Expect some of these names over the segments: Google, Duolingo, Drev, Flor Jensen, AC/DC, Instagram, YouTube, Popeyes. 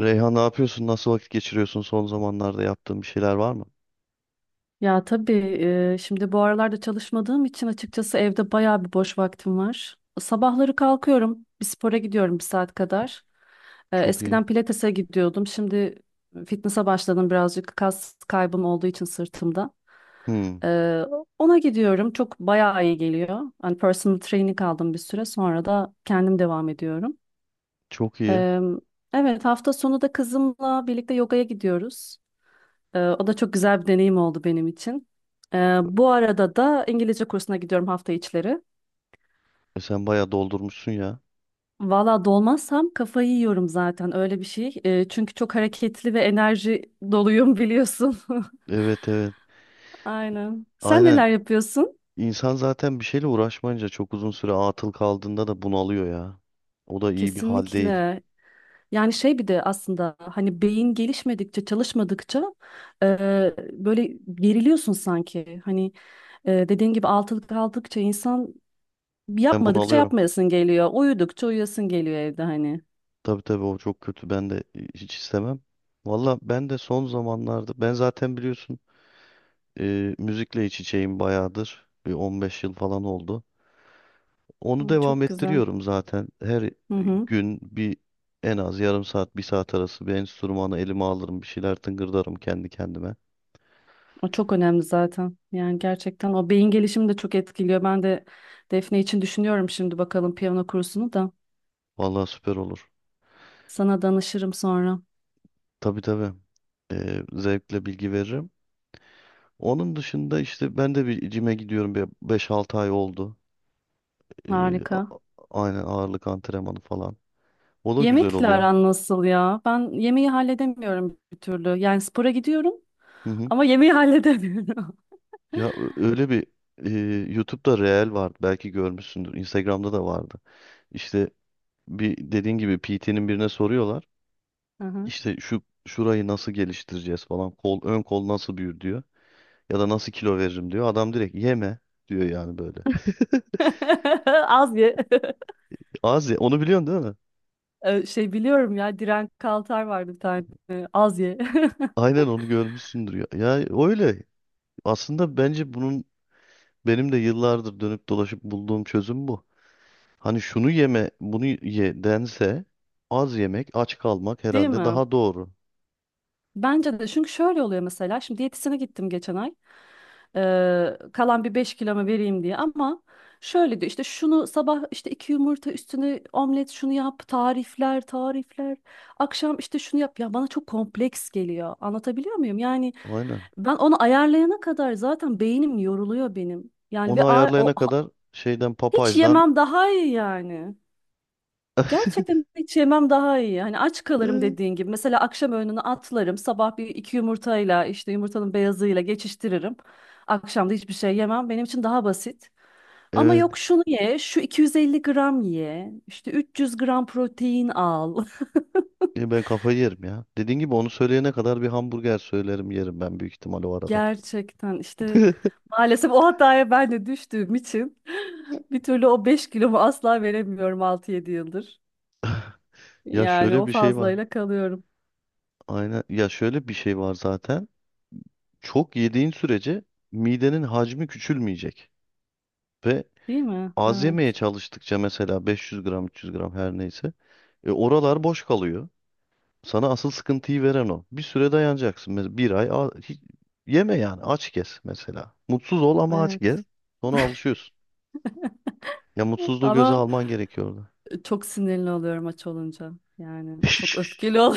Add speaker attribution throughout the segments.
Speaker 1: Reyhan ne yapıyorsun? Nasıl vakit geçiriyorsun? Son zamanlarda yaptığın bir şeyler var mı?
Speaker 2: Ya tabii. Şimdi bu aralarda çalışmadığım için açıkçası evde bayağı bir boş vaktim var. Sabahları kalkıyorum, bir spora gidiyorum bir saat kadar.
Speaker 1: Çok iyi.
Speaker 2: Eskiden pilatese gidiyordum. Şimdi fitness'a başladım birazcık kas kaybım olduğu için sırtımda.
Speaker 1: Hmm,
Speaker 2: E, Ona gidiyorum. Çok bayağı iyi geliyor. Hani personal training aldım, bir süre sonra da kendim devam ediyorum.
Speaker 1: çok iyi.
Speaker 2: E, evet, hafta sonu da kızımla birlikte yogaya gidiyoruz. O da çok güzel bir deneyim oldu benim için. Bu arada da İngilizce kursuna gidiyorum hafta içleri.
Speaker 1: E sen bayağı doldurmuşsun ya.
Speaker 2: Valla dolmazsam kafayı yiyorum zaten, öyle bir şey. Çünkü çok hareketli ve enerji doluyum, biliyorsun.
Speaker 1: Evet evet.
Speaker 2: Aynen. Sen
Speaker 1: Aynen.
Speaker 2: neler yapıyorsun?
Speaker 1: İnsan zaten bir şeyle uğraşmayınca çok uzun süre atıl kaldığında da bunalıyor ya. O da iyi bir hal değil.
Speaker 2: Kesinlikle. Yani şey, bir de aslında hani beyin gelişmedikçe, çalışmadıkça e, böyle geriliyorsun sanki. Hani dediğin gibi altılık aldıkça insan
Speaker 1: Ben
Speaker 2: yapmadıkça
Speaker 1: bunalıyorum.
Speaker 2: yapmayasın geliyor. Uyudukça uyuyasın geliyor evde hani.
Speaker 1: Tabii tabii, o çok kötü. Ben de hiç istemem. Valla ben de son zamanlarda, ben zaten biliyorsun müzikle iç içeyim bayağıdır. Bir 15 yıl falan oldu. Onu
Speaker 2: Hı,
Speaker 1: devam
Speaker 2: çok güzel.
Speaker 1: ettiriyorum zaten. Her
Speaker 2: Hı hı.
Speaker 1: gün bir en az yarım saat, bir saat arası bir enstrümanı elime alırım. Bir şeyler tıngırdarım kendi kendime.
Speaker 2: O çok önemli zaten. Yani gerçekten o beyin gelişimi de çok etkiliyor. Ben de Defne için düşünüyorum şimdi, bakalım piyano kursunu da.
Speaker 1: Vallahi süper olur.
Speaker 2: Sana danışırım sonra.
Speaker 1: Tabii tabii. Zevkle bilgi veririm. Onun dışında işte ben de bir cime gidiyorum. Bir 5-6 ay oldu. Ee,
Speaker 2: Harika.
Speaker 1: a- aynen ağırlık antrenmanı falan. O da güzel
Speaker 2: Yemekle
Speaker 1: oluyor.
Speaker 2: aran nasıl ya? Ben yemeği halledemiyorum bir türlü. Yani spora gidiyorum
Speaker 1: Hı hı.
Speaker 2: ama yemeği halledemiyorum.
Speaker 1: Öyle bir e, YouTube'da Reel vardı. Belki görmüşsündür. Instagram'da da vardı. İşte bir, dediğin gibi, PT'nin birine soruyorlar.
Speaker 2: Hı hı.
Speaker 1: İşte şurayı nasıl geliştireceğiz falan. Kol, ön kol nasıl büyür diyor. Ya da nasıl kilo veririm diyor. Adam direkt yeme diyor yani, böyle.
Speaker 2: Az ye.
Speaker 1: Az ye. Onu biliyorsun değil mi?
Speaker 2: Şey, biliyorum ya, Diren Kaltar vardı bir tane. Az ye.
Speaker 1: Aynen, onu görmüşsündür ya. Ya öyle. Aslında bence bunun, benim de yıllardır dönüp dolaşıp bulduğum çözüm bu. Hani şunu yeme, bunu ye dense, az yemek, aç kalmak
Speaker 2: Değil
Speaker 1: herhalde
Speaker 2: mi?
Speaker 1: daha doğru.
Speaker 2: Bence de, çünkü şöyle oluyor mesela, şimdi diyetisyene gittim geçen ay. Kalan bir 5 kilomu vereyim diye, ama şöyle diyor işte, şunu sabah işte iki yumurta üstüne omlet, şunu yap, tarifler tarifler, akşam işte şunu yap. Ya bana çok kompleks geliyor, anlatabiliyor muyum yani?
Speaker 1: Aynen.
Speaker 2: Ben onu ayarlayana kadar zaten beynim yoruluyor benim yani. Ve
Speaker 1: Onu ayarlayana kadar şeyden,
Speaker 2: hiç
Speaker 1: Popeyes'dan.
Speaker 2: yemem daha iyi yani. Gerçekten hiç yemem daha iyi. Hani aç kalırım dediğin gibi. Mesela akşam öğününü atlarım. Sabah bir iki yumurtayla, işte yumurtanın beyazıyla geçiştiririm. Akşam da hiçbir şey yemem. Benim için daha basit. Ama
Speaker 1: Evet.
Speaker 2: yok şunu ye, şu 250 gram ye, işte 300 gram protein al.
Speaker 1: Ya ben kafayı yerim ya. Dediğin gibi, onu söyleyene kadar bir hamburger söylerim, yerim ben büyük ihtimal o arada.
Speaker 2: Gerçekten işte, maalesef o hataya ben de düştüğüm için bir türlü o 5 kilomu asla veremiyorum 6-7 yıldır.
Speaker 1: Ya
Speaker 2: Yani
Speaker 1: şöyle
Speaker 2: o
Speaker 1: bir şey var.
Speaker 2: fazlayla kalıyorum.
Speaker 1: Aynen. Ya şöyle bir şey var zaten. Çok yediğin sürece midenin hacmi küçülmeyecek. Ve
Speaker 2: Değil mi?
Speaker 1: az yemeye
Speaker 2: Evet,
Speaker 1: çalıştıkça, mesela 500 gram, 300 gram, her neyse, oralar boş kalıyor. Sana asıl sıkıntıyı veren o. Bir süre dayanacaksın. Mesela bir ay yeme, yani aç gez mesela. Mutsuz ol ama aç gez.
Speaker 2: evet.
Speaker 1: Sonra alışıyorsun. Ya mutsuzluğu göze
Speaker 2: Ama
Speaker 1: alman gerekiyordu.
Speaker 2: çok sinirli oluyorum aç olunca. Yani çok öfkeli ol.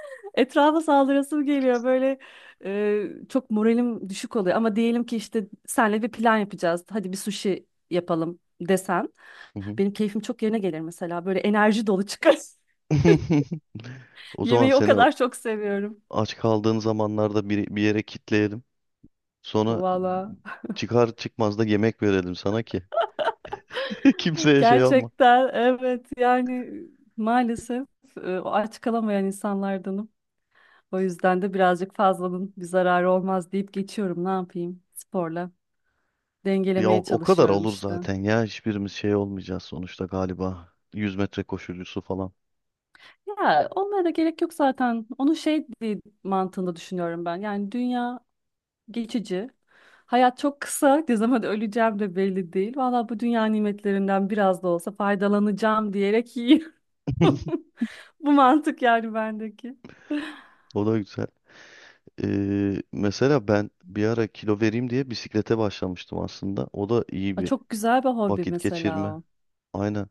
Speaker 2: Etrafa saldırasım geliyor. Böyle çok moralim düşük oluyor. Ama diyelim ki işte senle bir plan yapacağız. Hadi bir sushi yapalım desen. Benim keyfim çok yerine gelir mesela. Böyle enerji dolu çıkar.
Speaker 1: O zaman
Speaker 2: Yemeği o
Speaker 1: seni o-
Speaker 2: kadar çok seviyorum.
Speaker 1: Aç kaldığın zamanlarda bir, bir yere kitleyelim. Sonra
Speaker 2: Valla.
Speaker 1: çıkar çıkmaz da yemek verelim sana ki. Kimseye şey yapma.
Speaker 2: Gerçekten evet, yani maalesef o aç kalamayan insanlardanım. O yüzden de birazcık fazlanın bir zararı olmaz deyip geçiyorum. Ne yapayım? Sporla
Speaker 1: Ya o,
Speaker 2: dengelemeye
Speaker 1: o kadar
Speaker 2: çalışıyorum
Speaker 1: olur
Speaker 2: işte.
Speaker 1: zaten ya. Hiçbirimiz şey olmayacağız sonuçta galiba. 100 metre koşucusu falan.
Speaker 2: Ya onlara da gerek yok zaten. Onu şey diye mantığında düşünüyorum ben. Yani dünya geçici. Hayat çok kısa. Ne zaman öleceğim de belli değil. Valla bu dünya nimetlerinden biraz da olsa faydalanacağım diyerek yiyorum. Bu mantık yani bendeki.
Speaker 1: O da güzel. Mesela ben bir ara kilo vereyim diye bisiklete başlamıştım aslında. O da iyi
Speaker 2: Aa,
Speaker 1: bir
Speaker 2: çok güzel bir hobi
Speaker 1: vakit geçirme.
Speaker 2: mesela o.
Speaker 1: Aynen.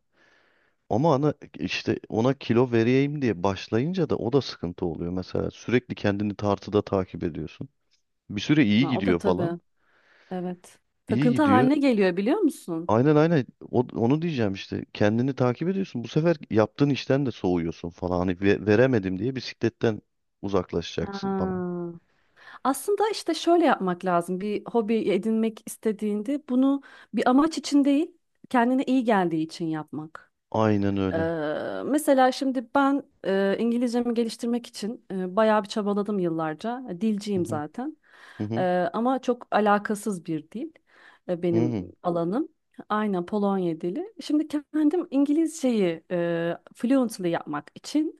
Speaker 1: Ama ana işte ona kilo vereyim diye başlayınca da o da sıkıntı oluyor. Mesela sürekli kendini tartıda takip ediyorsun. Bir süre iyi
Speaker 2: Ha, o da
Speaker 1: gidiyor falan.
Speaker 2: tabii. Evet.
Speaker 1: İyi
Speaker 2: Takıntı
Speaker 1: gidiyor.
Speaker 2: haline geliyor, biliyor musun?
Speaker 1: Aynen aynen. Onu diyeceğim işte. Kendini takip ediyorsun. Bu sefer yaptığın işten de soğuyorsun falan. Hani veremedim diye bisikletten uzaklaşacaksın falan.
Speaker 2: Ha. Aslında işte şöyle yapmak lazım. Bir hobi edinmek istediğinde bunu bir amaç için değil, kendine iyi geldiği için yapmak.
Speaker 1: Aynen öyle.
Speaker 2: Mesela şimdi ben İngilizcemi geliştirmek için bayağı bir çabaladım yıllarca.
Speaker 1: Hı
Speaker 2: Dilciyim
Speaker 1: hı,
Speaker 2: zaten.
Speaker 1: hı hı,
Speaker 2: Ama çok alakasız bir dil
Speaker 1: hı
Speaker 2: benim
Speaker 1: hı,
Speaker 2: alanım. Aynen, Polonya dili. Şimdi kendim İngilizceyi fluently yapmak için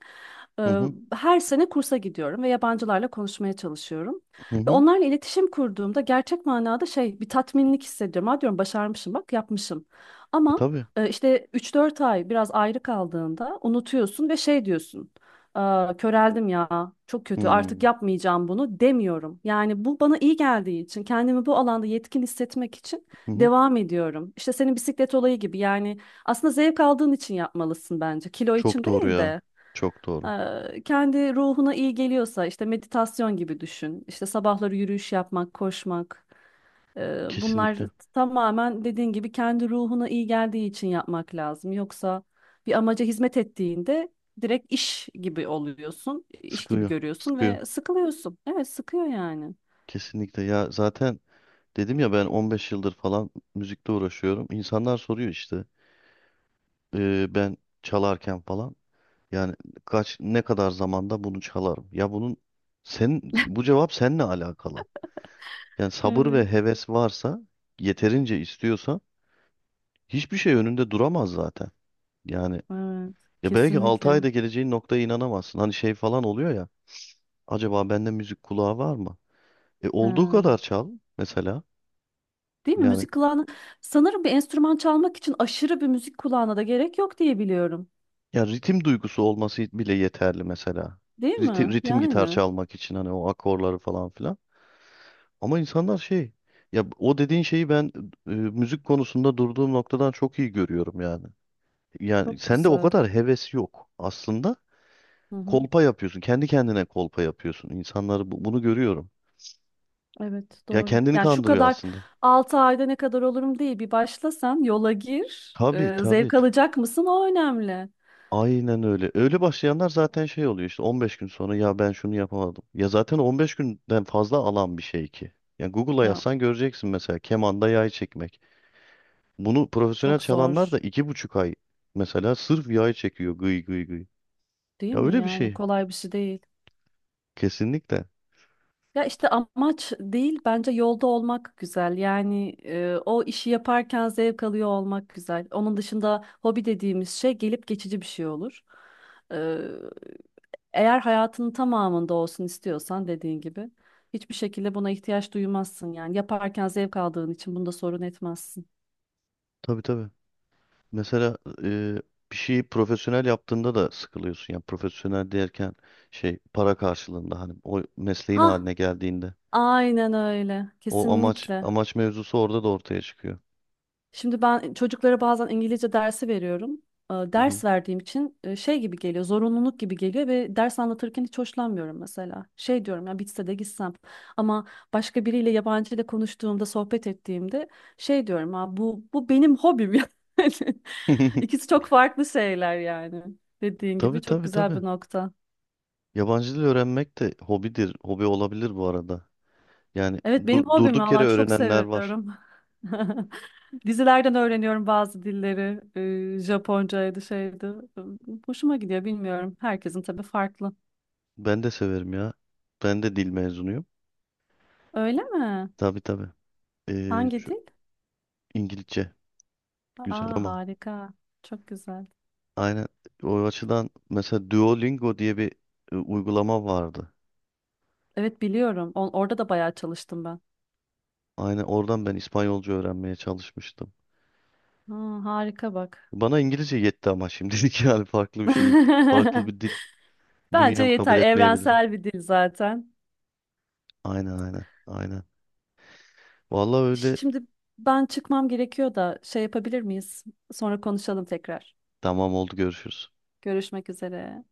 Speaker 1: hı
Speaker 2: eee,
Speaker 1: hı,
Speaker 2: her sene kursa gidiyorum ve yabancılarla konuşmaya çalışıyorum.
Speaker 1: hı
Speaker 2: Ve
Speaker 1: hı,
Speaker 2: onlarla iletişim kurduğumda gerçek manada şey, bir tatminlik hissediyorum. Ha diyorum, başarmışım bak, yapmışım.
Speaker 1: E
Speaker 2: Ama
Speaker 1: tabii.
Speaker 2: işte 3-4 ay biraz ayrı kaldığında unutuyorsun ve şey diyorsun: "Aa, köreldim ya, çok
Speaker 1: Hı
Speaker 2: kötü, artık
Speaker 1: hı,
Speaker 2: yapmayacağım bunu" demiyorum. Yani bu bana iyi geldiği için, kendimi bu alanda yetkin hissetmek için
Speaker 1: hı.
Speaker 2: devam ediyorum. İşte senin bisiklet olayı gibi yani, aslında zevk aldığın için yapmalısın bence. Kilo
Speaker 1: Çok
Speaker 2: için
Speaker 1: doğru
Speaker 2: değil
Speaker 1: ya.
Speaker 2: de.
Speaker 1: Çok doğru.
Speaker 2: Kendi ruhuna iyi geliyorsa, işte meditasyon gibi düşün. İşte sabahları yürüyüş yapmak, koşmak. Bunlar
Speaker 1: Kesinlikle.
Speaker 2: tamamen dediğin gibi kendi ruhuna iyi geldiği için yapmak lazım. Yoksa bir amaca hizmet ettiğinde direkt iş gibi oluyorsun, iş gibi
Speaker 1: Sıkıyor.
Speaker 2: görüyorsun
Speaker 1: Sıkıyor.
Speaker 2: ve sıkılıyorsun. Evet, sıkıyor yani.
Speaker 1: Kesinlikle ya. Zaten dedim ya, ben 15 yıldır falan müzikle uğraşıyorum. İnsanlar soruyor işte, ben çalarken falan, yani kaç, ne kadar zamanda bunu çalarım? Ya bunun, sen, bu cevap seninle alakalı. Yani sabır
Speaker 2: Evet.
Speaker 1: ve heves varsa, yeterince istiyorsan, hiçbir şey önünde duramaz zaten. Yani
Speaker 2: Evet,
Speaker 1: ya, belki 6
Speaker 2: kesinlikle.
Speaker 1: ayda geleceğin noktaya inanamazsın. Hani şey falan oluyor ya, acaba bende müzik kulağı var mı? E olduğu
Speaker 2: Ha.
Speaker 1: kadar çal mesela.
Speaker 2: Değil mi?
Speaker 1: Yani,
Speaker 2: Müzik kulağına, sanırım bir enstrüman çalmak için aşırı bir müzik kulağına da gerek yok diye biliyorum.
Speaker 1: ya ritim duygusu olması bile yeterli mesela.
Speaker 2: Değil
Speaker 1: Ritim,
Speaker 2: mi?
Speaker 1: ritim gitar
Speaker 2: Yani
Speaker 1: çalmak için, hani o akorları falan filan. Ama insanlar şey, ya o dediğin şeyi ben, müzik konusunda durduğum noktadan çok iyi görüyorum yani. Yani
Speaker 2: çok
Speaker 1: sende o
Speaker 2: güzel.
Speaker 1: kadar heves yok aslında. Kolpa yapıyorsun. Kendi kendine kolpa yapıyorsun. İnsanları bunu görüyorum.
Speaker 2: Evet,
Speaker 1: Ya
Speaker 2: doğru.
Speaker 1: kendini
Speaker 2: Yani şu
Speaker 1: kandırıyor
Speaker 2: kadar
Speaker 1: aslında.
Speaker 2: 6 ayda ne kadar olurum değil. Bir başlasan yola gir.
Speaker 1: Tabii tabii.
Speaker 2: Zevk alacak mısın, o önemli.
Speaker 1: Aynen öyle. Öyle başlayanlar zaten şey oluyor işte, 15 gün sonra ya ben şunu yapamadım. Ya zaten 15 günden fazla alan bir şey ki. Yani Google'a
Speaker 2: Ya,
Speaker 1: yazsan göreceksin, mesela kemanda yay çekmek. Bunu profesyonel
Speaker 2: çok
Speaker 1: çalanlar
Speaker 2: zor
Speaker 1: da iki buçuk ay mesela sırf yay çekiyor, gıy gıy gıy.
Speaker 2: değil
Speaker 1: Ya
Speaker 2: mi?
Speaker 1: öyle bir
Speaker 2: Yani
Speaker 1: şey.
Speaker 2: kolay bir şey değil.
Speaker 1: Kesinlikle.
Speaker 2: Ya işte amaç değil, bence yolda olmak güzel. Yani o işi yaparken zevk alıyor olmak güzel. Onun dışında hobi dediğimiz şey gelip geçici bir şey olur. Eğer hayatının tamamında olsun istiyorsan, dediğin gibi hiçbir şekilde buna ihtiyaç duymazsın yani. Yaparken zevk aldığın için bunda sorun etmezsin.
Speaker 1: Tabii tabii. Mesela e, bir şeyi profesyonel yaptığında da sıkılıyorsun. Yani profesyonel derken, şey, para karşılığında, hani o mesleğin
Speaker 2: Hah,
Speaker 1: haline geldiğinde,
Speaker 2: aynen öyle.
Speaker 1: o amaç
Speaker 2: Kesinlikle.
Speaker 1: amaç mevzusu orada da ortaya çıkıyor.
Speaker 2: Şimdi ben çocuklara bazen İngilizce dersi veriyorum. Ders verdiğim için şey gibi geliyor, zorunluluk gibi geliyor ve ders anlatırken hiç hoşlanmıyorum mesela. Şey diyorum ya, bitse de gitsem, ama başka biriyle, yabancı ile konuştuğumda, sohbet ettiğimde şey diyorum, ha bu benim hobim yani. İkisi çok farklı şeyler yani. Dediğin
Speaker 1: Tabii
Speaker 2: gibi çok
Speaker 1: tabii
Speaker 2: güzel
Speaker 1: tabii.
Speaker 2: bir nokta.
Speaker 1: Yabancı dil öğrenmek de hobidir. Hobi olabilir bu arada. Yani
Speaker 2: Evet, benim hobim,
Speaker 1: durduk yere
Speaker 2: valla çok
Speaker 1: öğrenenler var.
Speaker 2: seviyorum. Dizilerden öğreniyorum bazı dilleri. Japoncaydı, şeydi. Ee, Hoşuma gidiyor, bilmiyorum. Herkesin tabii farklı.
Speaker 1: Ben de severim ya. Ben de dil mezunuyum.
Speaker 2: Öyle mi?
Speaker 1: Tabii tabii.
Speaker 2: Hangi
Speaker 1: Şu
Speaker 2: dil?
Speaker 1: İngilizce güzel.
Speaker 2: Aa,
Speaker 1: Ama
Speaker 2: harika. Çok güzel.
Speaker 1: aynen, o açıdan mesela Duolingo diye bir uygulama vardı.
Speaker 2: Evet, biliyorum. Orada da bayağı çalıştım ben.
Speaker 1: Aynen oradan ben İspanyolca öğrenmeye çalışmıştım.
Speaker 2: Aa, harika bak.
Speaker 1: Bana İngilizce yetti ama şimdilik. Yani farklı bir şey, farklı bir dil
Speaker 2: Bence
Speaker 1: bünyem kabul
Speaker 2: yeter.
Speaker 1: etmeyebilir.
Speaker 2: Evrensel bir dil zaten.
Speaker 1: Aynen aynen aynen. Vallahi öyle.
Speaker 2: Şimdi ben çıkmam gerekiyor da, şey yapabilir miyiz? Sonra konuşalım tekrar.
Speaker 1: Tamam, oldu, görüşürüz.
Speaker 2: Görüşmek üzere.